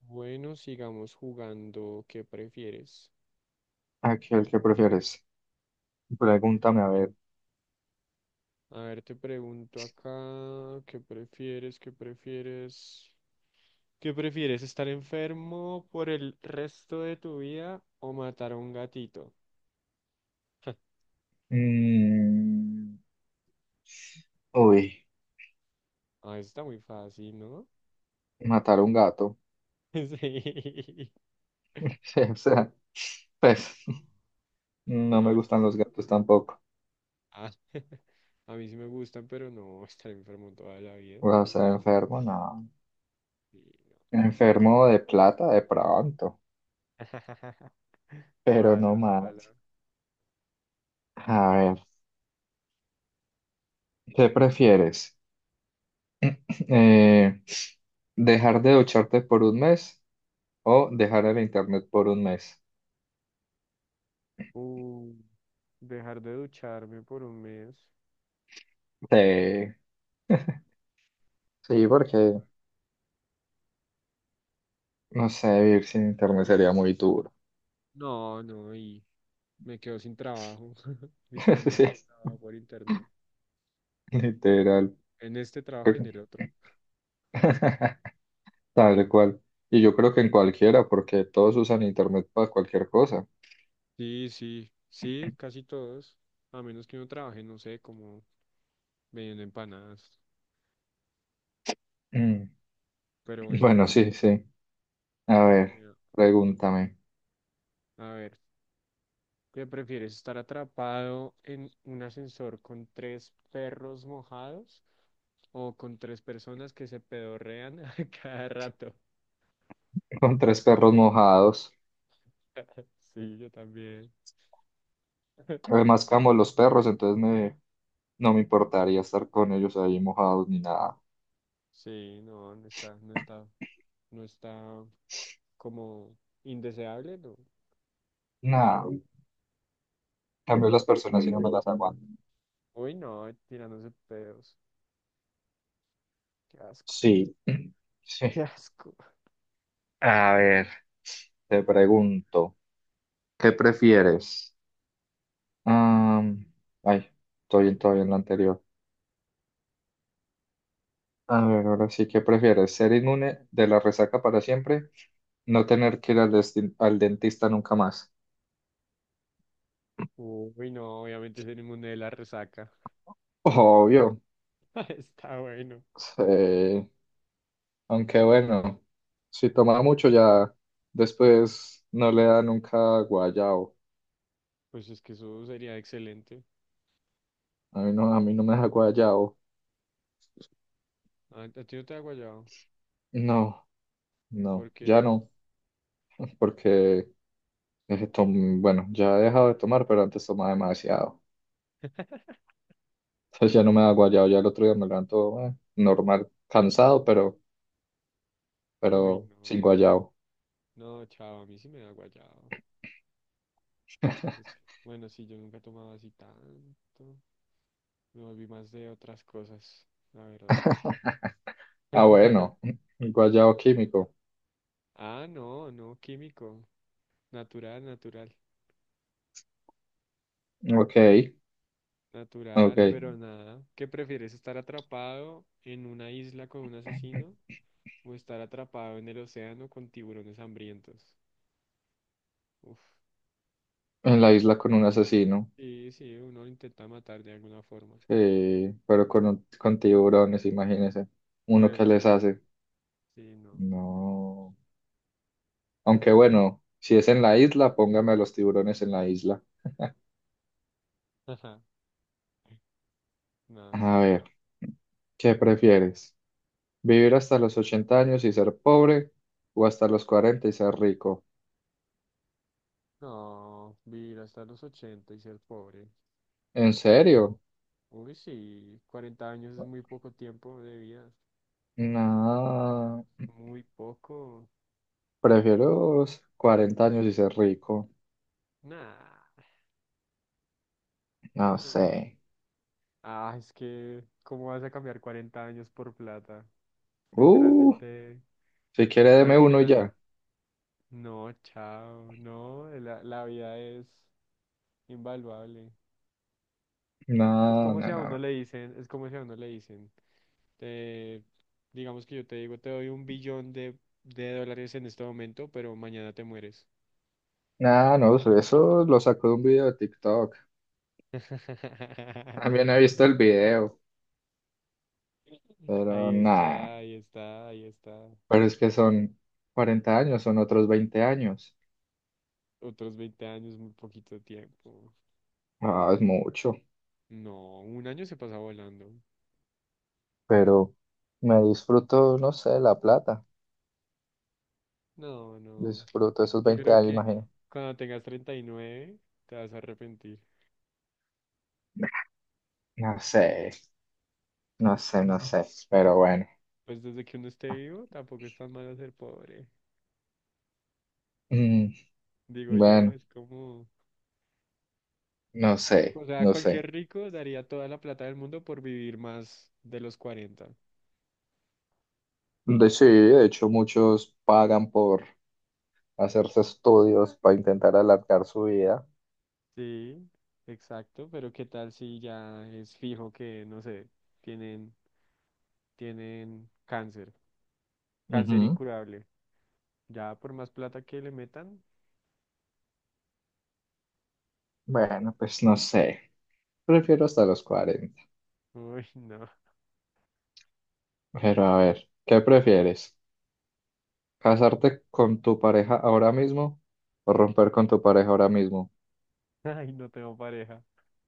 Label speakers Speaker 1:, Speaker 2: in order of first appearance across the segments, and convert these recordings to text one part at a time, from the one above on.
Speaker 1: Bueno, sigamos jugando. ¿Qué prefieres?
Speaker 2: Aquel que prefieres. Pregúntame, a ver.
Speaker 1: A ver, te pregunto acá, ¿qué prefieres? ¿Qué prefieres? ¿Qué prefieres? ¿Estar enfermo por el resto de tu vida o matar a un gatito?
Speaker 2: Mm, uy,
Speaker 1: Ah, eso está muy fácil, ¿no?
Speaker 2: matar a un gato.
Speaker 1: Sí.
Speaker 2: Sí, o sea, pues no
Speaker 1: No,
Speaker 2: me
Speaker 1: es que...
Speaker 2: gustan los gatos tampoco.
Speaker 1: Ah, a mí sí me gustan, pero no estar enfermo toda la vida.
Speaker 2: O sea, enfermo, no.
Speaker 1: Sí, no.
Speaker 2: Enfermo de plata de pronto, pero
Speaker 1: Ojalá,
Speaker 2: no más.
Speaker 1: ojalá.
Speaker 2: A ver, ¿qué prefieres? Eh, ¿Dejar de ducharte por un mes o dejar el internet por un mes?
Speaker 1: Uh, dejar de ducharme por un mes.
Speaker 2: Sí, sí, porque no sé, vivir sin internet sería muy duro.
Speaker 1: No, no, y me quedo sin trabajo, literalmente
Speaker 2: Sí,
Speaker 1: trabajo por internet,
Speaker 2: literal.
Speaker 1: en este trabajo y en
Speaker 2: creo-
Speaker 1: el otro.
Speaker 2: Tal cual. Y yo creo que en cualquiera, porque todos usan internet para cualquier cosa.
Speaker 1: Sí, sí, sí, casi todos, a menos que uno trabaje, no sé, como vendiendo empanadas,
Speaker 2: Mm.
Speaker 1: pero bueno,
Speaker 2: Bueno, sí, sí. A ver,
Speaker 1: eh,
Speaker 2: pregúntame.
Speaker 1: a ver, ¿qué prefieres, estar atrapado en un ascensor con tres perros mojados o con tres personas que se pedorrean a cada rato?
Speaker 2: Con tres perros mojados.
Speaker 1: Sí, yo también.
Speaker 2: Además, amo los perros, entonces me, no me importaría estar con ellos ahí mojados ni nada.
Speaker 1: Sí, no, no está, no está, no está, como indeseable, no.
Speaker 2: Nada. En cambio las personas si no me las aguanto.
Speaker 1: Uy, no, tirándose pedos. Qué asco.
Speaker 2: Sí.
Speaker 1: Qué
Speaker 2: Sí.
Speaker 1: asco.
Speaker 2: A ver, te pregunto, ¿qué prefieres? Am, ay, estoy todavía en la anterior. A ver, ahora sí, ¿qué prefieres? ¿Ser inmune de la resaca para siempre? ¿No tener que ir al, al dentista nunca más?
Speaker 1: Uy, no, obviamente es el inmune de la resaca.
Speaker 2: Obvio.
Speaker 1: Está bueno.
Speaker 2: Sí. Aunque bueno, si toma mucho ya después no le da nunca guayao.
Speaker 1: Pues es que eso sería excelente.
Speaker 2: A mí no me da guayao.
Speaker 1: A ti no te da guayado.
Speaker 2: No,
Speaker 1: ¿Por
Speaker 2: no,
Speaker 1: qué
Speaker 2: ya
Speaker 1: no?
Speaker 2: no, porque bueno, ya he dejado de tomar, pero antes tomaba demasiado. Entonces ya no me da guayao, ya el otro día me levanto normal, cansado,
Speaker 1: Uy,
Speaker 2: pero sin
Speaker 1: no.
Speaker 2: guayao.
Speaker 1: No, chao, a mí sí me da guayado. Es que, bueno, sí, yo nunca tomaba así tanto. Me volví más de otras cosas, la verdad.
Speaker 2: Ah, bueno, guayabo químico.
Speaker 1: Ah, no, no, químico. Natural, natural.
Speaker 2: Ok,
Speaker 1: Natural,
Speaker 2: ok.
Speaker 1: pero nada. ¿Qué prefieres, estar atrapado en una isla con un asesino o estar atrapado en el océano con tiburones hambrientos? Uf,
Speaker 2: En la
Speaker 1: pues
Speaker 2: isla con un asesino,
Speaker 1: sí, sí, uno lo intenta matar de alguna forma.
Speaker 2: sí, pero con, con tiburones, imagínese.
Speaker 1: No
Speaker 2: ¿Uno
Speaker 1: hay
Speaker 2: que les
Speaker 1: opción.
Speaker 2: hace?
Speaker 1: Sí, no.
Speaker 2: No. Aunque bueno, si es en la isla, póngame a los tiburones en la isla.
Speaker 1: Ajá, no,
Speaker 2: A
Speaker 1: sí.
Speaker 2: ver, ¿qué prefieres? ¿Vivir hasta los 80 años y ser pobre o hasta los 40 y ser rico?
Speaker 1: No, vivir hasta los 80 y ser pobre.
Speaker 2: ¿En serio?
Speaker 1: Uy, sí, 40 años es muy poco tiempo de vida.
Speaker 2: No,
Speaker 1: Muy poco.
Speaker 2: prefiero los 40 años y ser rico.
Speaker 1: Nah,
Speaker 2: No sé.
Speaker 1: no. Ah, es que, ¿cómo vas a cambiar 40 años por plata?
Speaker 2: Uh,
Speaker 1: Literalmente,
Speaker 2: si quiere deme
Speaker 1: literalmente
Speaker 2: uno
Speaker 1: la...
Speaker 2: ya.
Speaker 1: No, chao, no, la vida es invaluable. Es
Speaker 2: No,
Speaker 1: como si
Speaker 2: no, no,
Speaker 1: a uno
Speaker 2: no.
Speaker 1: le dicen, es como si a uno le dicen, te- digamos que yo te digo, te doy un billón de dólares en este momento, pero mañana te mueres.
Speaker 2: Nada, no, eso lo sacó de un video de TikTok. También he visto el video, pero
Speaker 1: Ahí
Speaker 2: nada.
Speaker 1: está, ahí está, ahí está.
Speaker 2: Pero es que son 40 años, son otros 20 años.
Speaker 1: Otros 20 años, muy poquito tiempo.
Speaker 2: Ah, es mucho,
Speaker 1: No, un año se pasa volando.
Speaker 2: pero me disfruto, no sé, la plata.
Speaker 1: No, no.
Speaker 2: Disfruto esos
Speaker 1: Yo
Speaker 2: 20
Speaker 1: creo
Speaker 2: años,
Speaker 1: que
Speaker 2: imagino.
Speaker 1: cuando tengas 39 te vas a arrepentir.
Speaker 2: No sé, no sé, no sé, pero bueno.
Speaker 1: Pues desde que uno esté vivo tampoco es tan malo ser pobre.
Speaker 2: Mm,
Speaker 1: Digo yo,
Speaker 2: bueno,
Speaker 1: es como...
Speaker 2: no sé,
Speaker 1: O sea,
Speaker 2: no
Speaker 1: cualquier
Speaker 2: sé.
Speaker 1: rico daría toda la plata del mundo por vivir más de los 40.
Speaker 2: De, sí, de hecho muchos pagan por hacerse estudios para intentar alargar su vida.
Speaker 1: Sí, exacto, pero ¿qué tal si ya es fijo que, no sé, tienen, tienen cáncer, cáncer
Speaker 2: Ujú.
Speaker 1: incurable? Ya por más plata que le metan,
Speaker 2: Bueno, pues no sé. Prefiero hasta los 40.
Speaker 1: uy, no.
Speaker 2: Pero a ver, ¿qué prefieres? ¿Casarte con tu pareja ahora mismo o romper con tu pareja ahora mismo?
Speaker 1: Ay, no tengo pareja.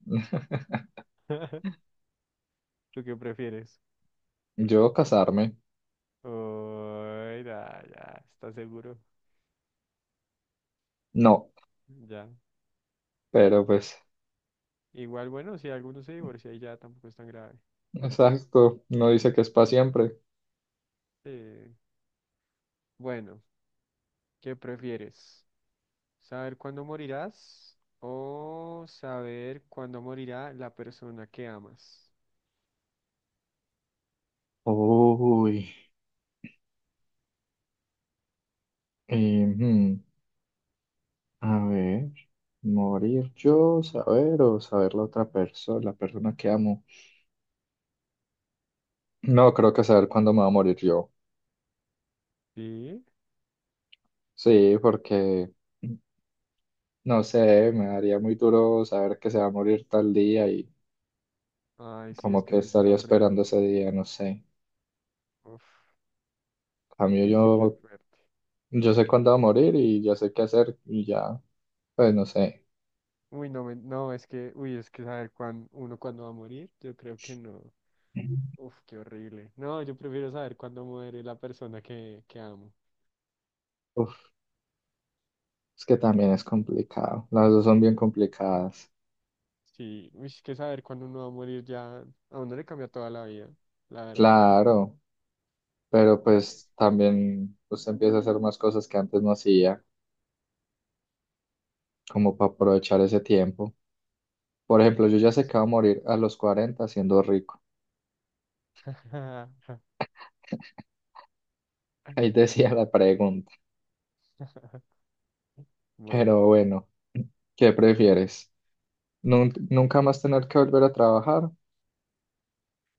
Speaker 1: ¿Tú qué prefieres?
Speaker 2: Yo casarme,
Speaker 1: Uy, ya, ya, está seguro.
Speaker 2: no,
Speaker 1: Ya.
Speaker 2: pero pues,
Speaker 1: Igual, bueno, si alguno se divorcia y ya tampoco es tan grave.
Speaker 2: exacto, no dice que es para siempre.
Speaker 1: Sí. Bueno, ¿qué prefieres? ¿Saber cuándo morirás o saber cuándo morirá la persona que amas?
Speaker 2: Uy, y, a ver, morir yo, saber o saber la otra persona, la persona que amo. No, creo que saber cuándo me va a morir yo.
Speaker 1: Sí.
Speaker 2: Sí, porque no sé, me daría muy duro saber que se va a morir tal día y
Speaker 1: Ay, sí, es
Speaker 2: como
Speaker 1: que
Speaker 2: que
Speaker 1: eso está
Speaker 2: estaría esperando
Speaker 1: horrible.
Speaker 2: ese día, no sé. En
Speaker 1: Uf,
Speaker 2: cambio
Speaker 1: uy, sí, qué
Speaker 2: yo,
Speaker 1: fuerte.
Speaker 2: yo sé cuándo va a morir y ya sé qué hacer y ya, pues no sé.
Speaker 1: Uy, no, no, es que, uy, es que saber uno cuándo va a morir, yo creo que no. Uf, qué horrible. No, yo prefiero saber cuándo muere la persona que amo.
Speaker 2: Uf, es que también es complicado. Las dos son bien complicadas.
Speaker 1: Sí, uy, es que saber cuándo uno va a morir ya, a uno le cambia toda la vida, la verdad.
Speaker 2: Claro, pero
Speaker 1: Por eso,
Speaker 2: pues también usted empieza a hacer más cosas que antes no hacía, como para aprovechar ese tiempo. Por ejemplo, yo
Speaker 1: por
Speaker 2: ya sé
Speaker 1: eso.
Speaker 2: que voy a morir a los 40 siendo rico. Ahí decía la pregunta.
Speaker 1: Bueno,
Speaker 2: Pero bueno, ¿qué prefieres? ¿Nunca más tener que volver a trabajar?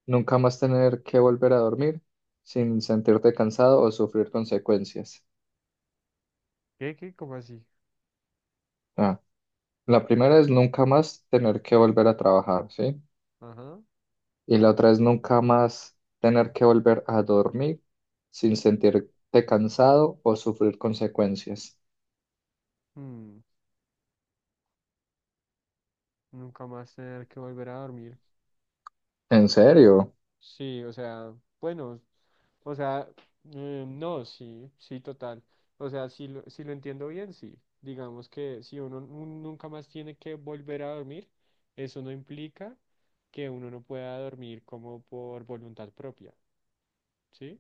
Speaker 2: ¿Nunca más tener que volver a dormir sin sentirte cansado o sufrir consecuencias?
Speaker 1: ¿qué, qué? ¿Cómo así?
Speaker 2: Ah, la primera es nunca más tener que volver a trabajar, ¿sí?
Speaker 1: Ajá.
Speaker 2: Y la otra es nunca más tener que volver a dormir sin sentirte cansado o sufrir consecuencias.
Speaker 1: mm, Nunca más tener que volver a dormir.
Speaker 2: ¿En serio?
Speaker 1: Sí, o sea, bueno, o sea, no, sí, sí, total. O sea, si lo entiendo bien, sí. Digamos que si uno nunca más tiene que volver a dormir, eso no implica que uno no pueda dormir como por voluntad propia, ¿sí?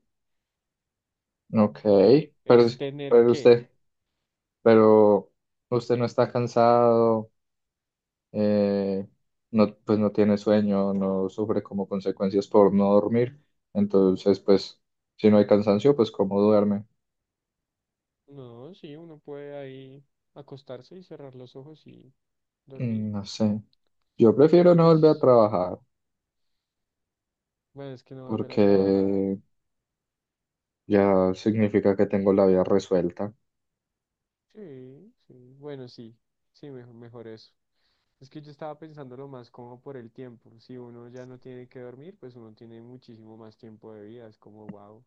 Speaker 2: Ok,
Speaker 1: Porque
Speaker 2: pero,
Speaker 1: es tener
Speaker 2: pero
Speaker 1: que.
Speaker 2: usted, pero usted no está cansado. eh, no, pues no tiene sueño, no sufre como consecuencias por no dormir. Entonces, pues, si no hay cansancio, pues cómo duerme.
Speaker 1: No, sí, uno puede ahí acostarse y cerrar los ojos y dormir.
Speaker 2: Mm. No sé. Yo
Speaker 1: Pues
Speaker 2: prefiero
Speaker 1: hay
Speaker 2: no volver a
Speaker 1: veces,
Speaker 2: trabajar
Speaker 1: bueno, es que no volver a
Speaker 2: porque
Speaker 1: trabajar.
Speaker 2: ya significa que tengo la vida resuelta.
Speaker 1: Sí, sí. Bueno, sí, sí, mejor, mejor eso. Es que yo estaba pensándolo más como por el tiempo. Si uno ya no tiene que dormir, pues uno tiene muchísimo más tiempo de vida. Es como, wow.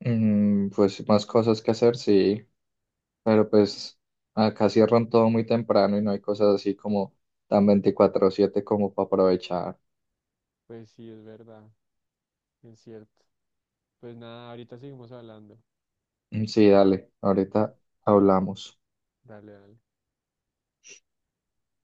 Speaker 2: Pues más cosas que hacer, sí, pero pues acá cierran todo muy temprano y no hay cosas así como tan 24/7 como para aprovechar.
Speaker 1: Pues sí, es verdad, es cierto. Pues nada, ahorita seguimos hablando.
Speaker 2: Mm. Sí, dale, ahorita hablamos.
Speaker 1: Dale, dale.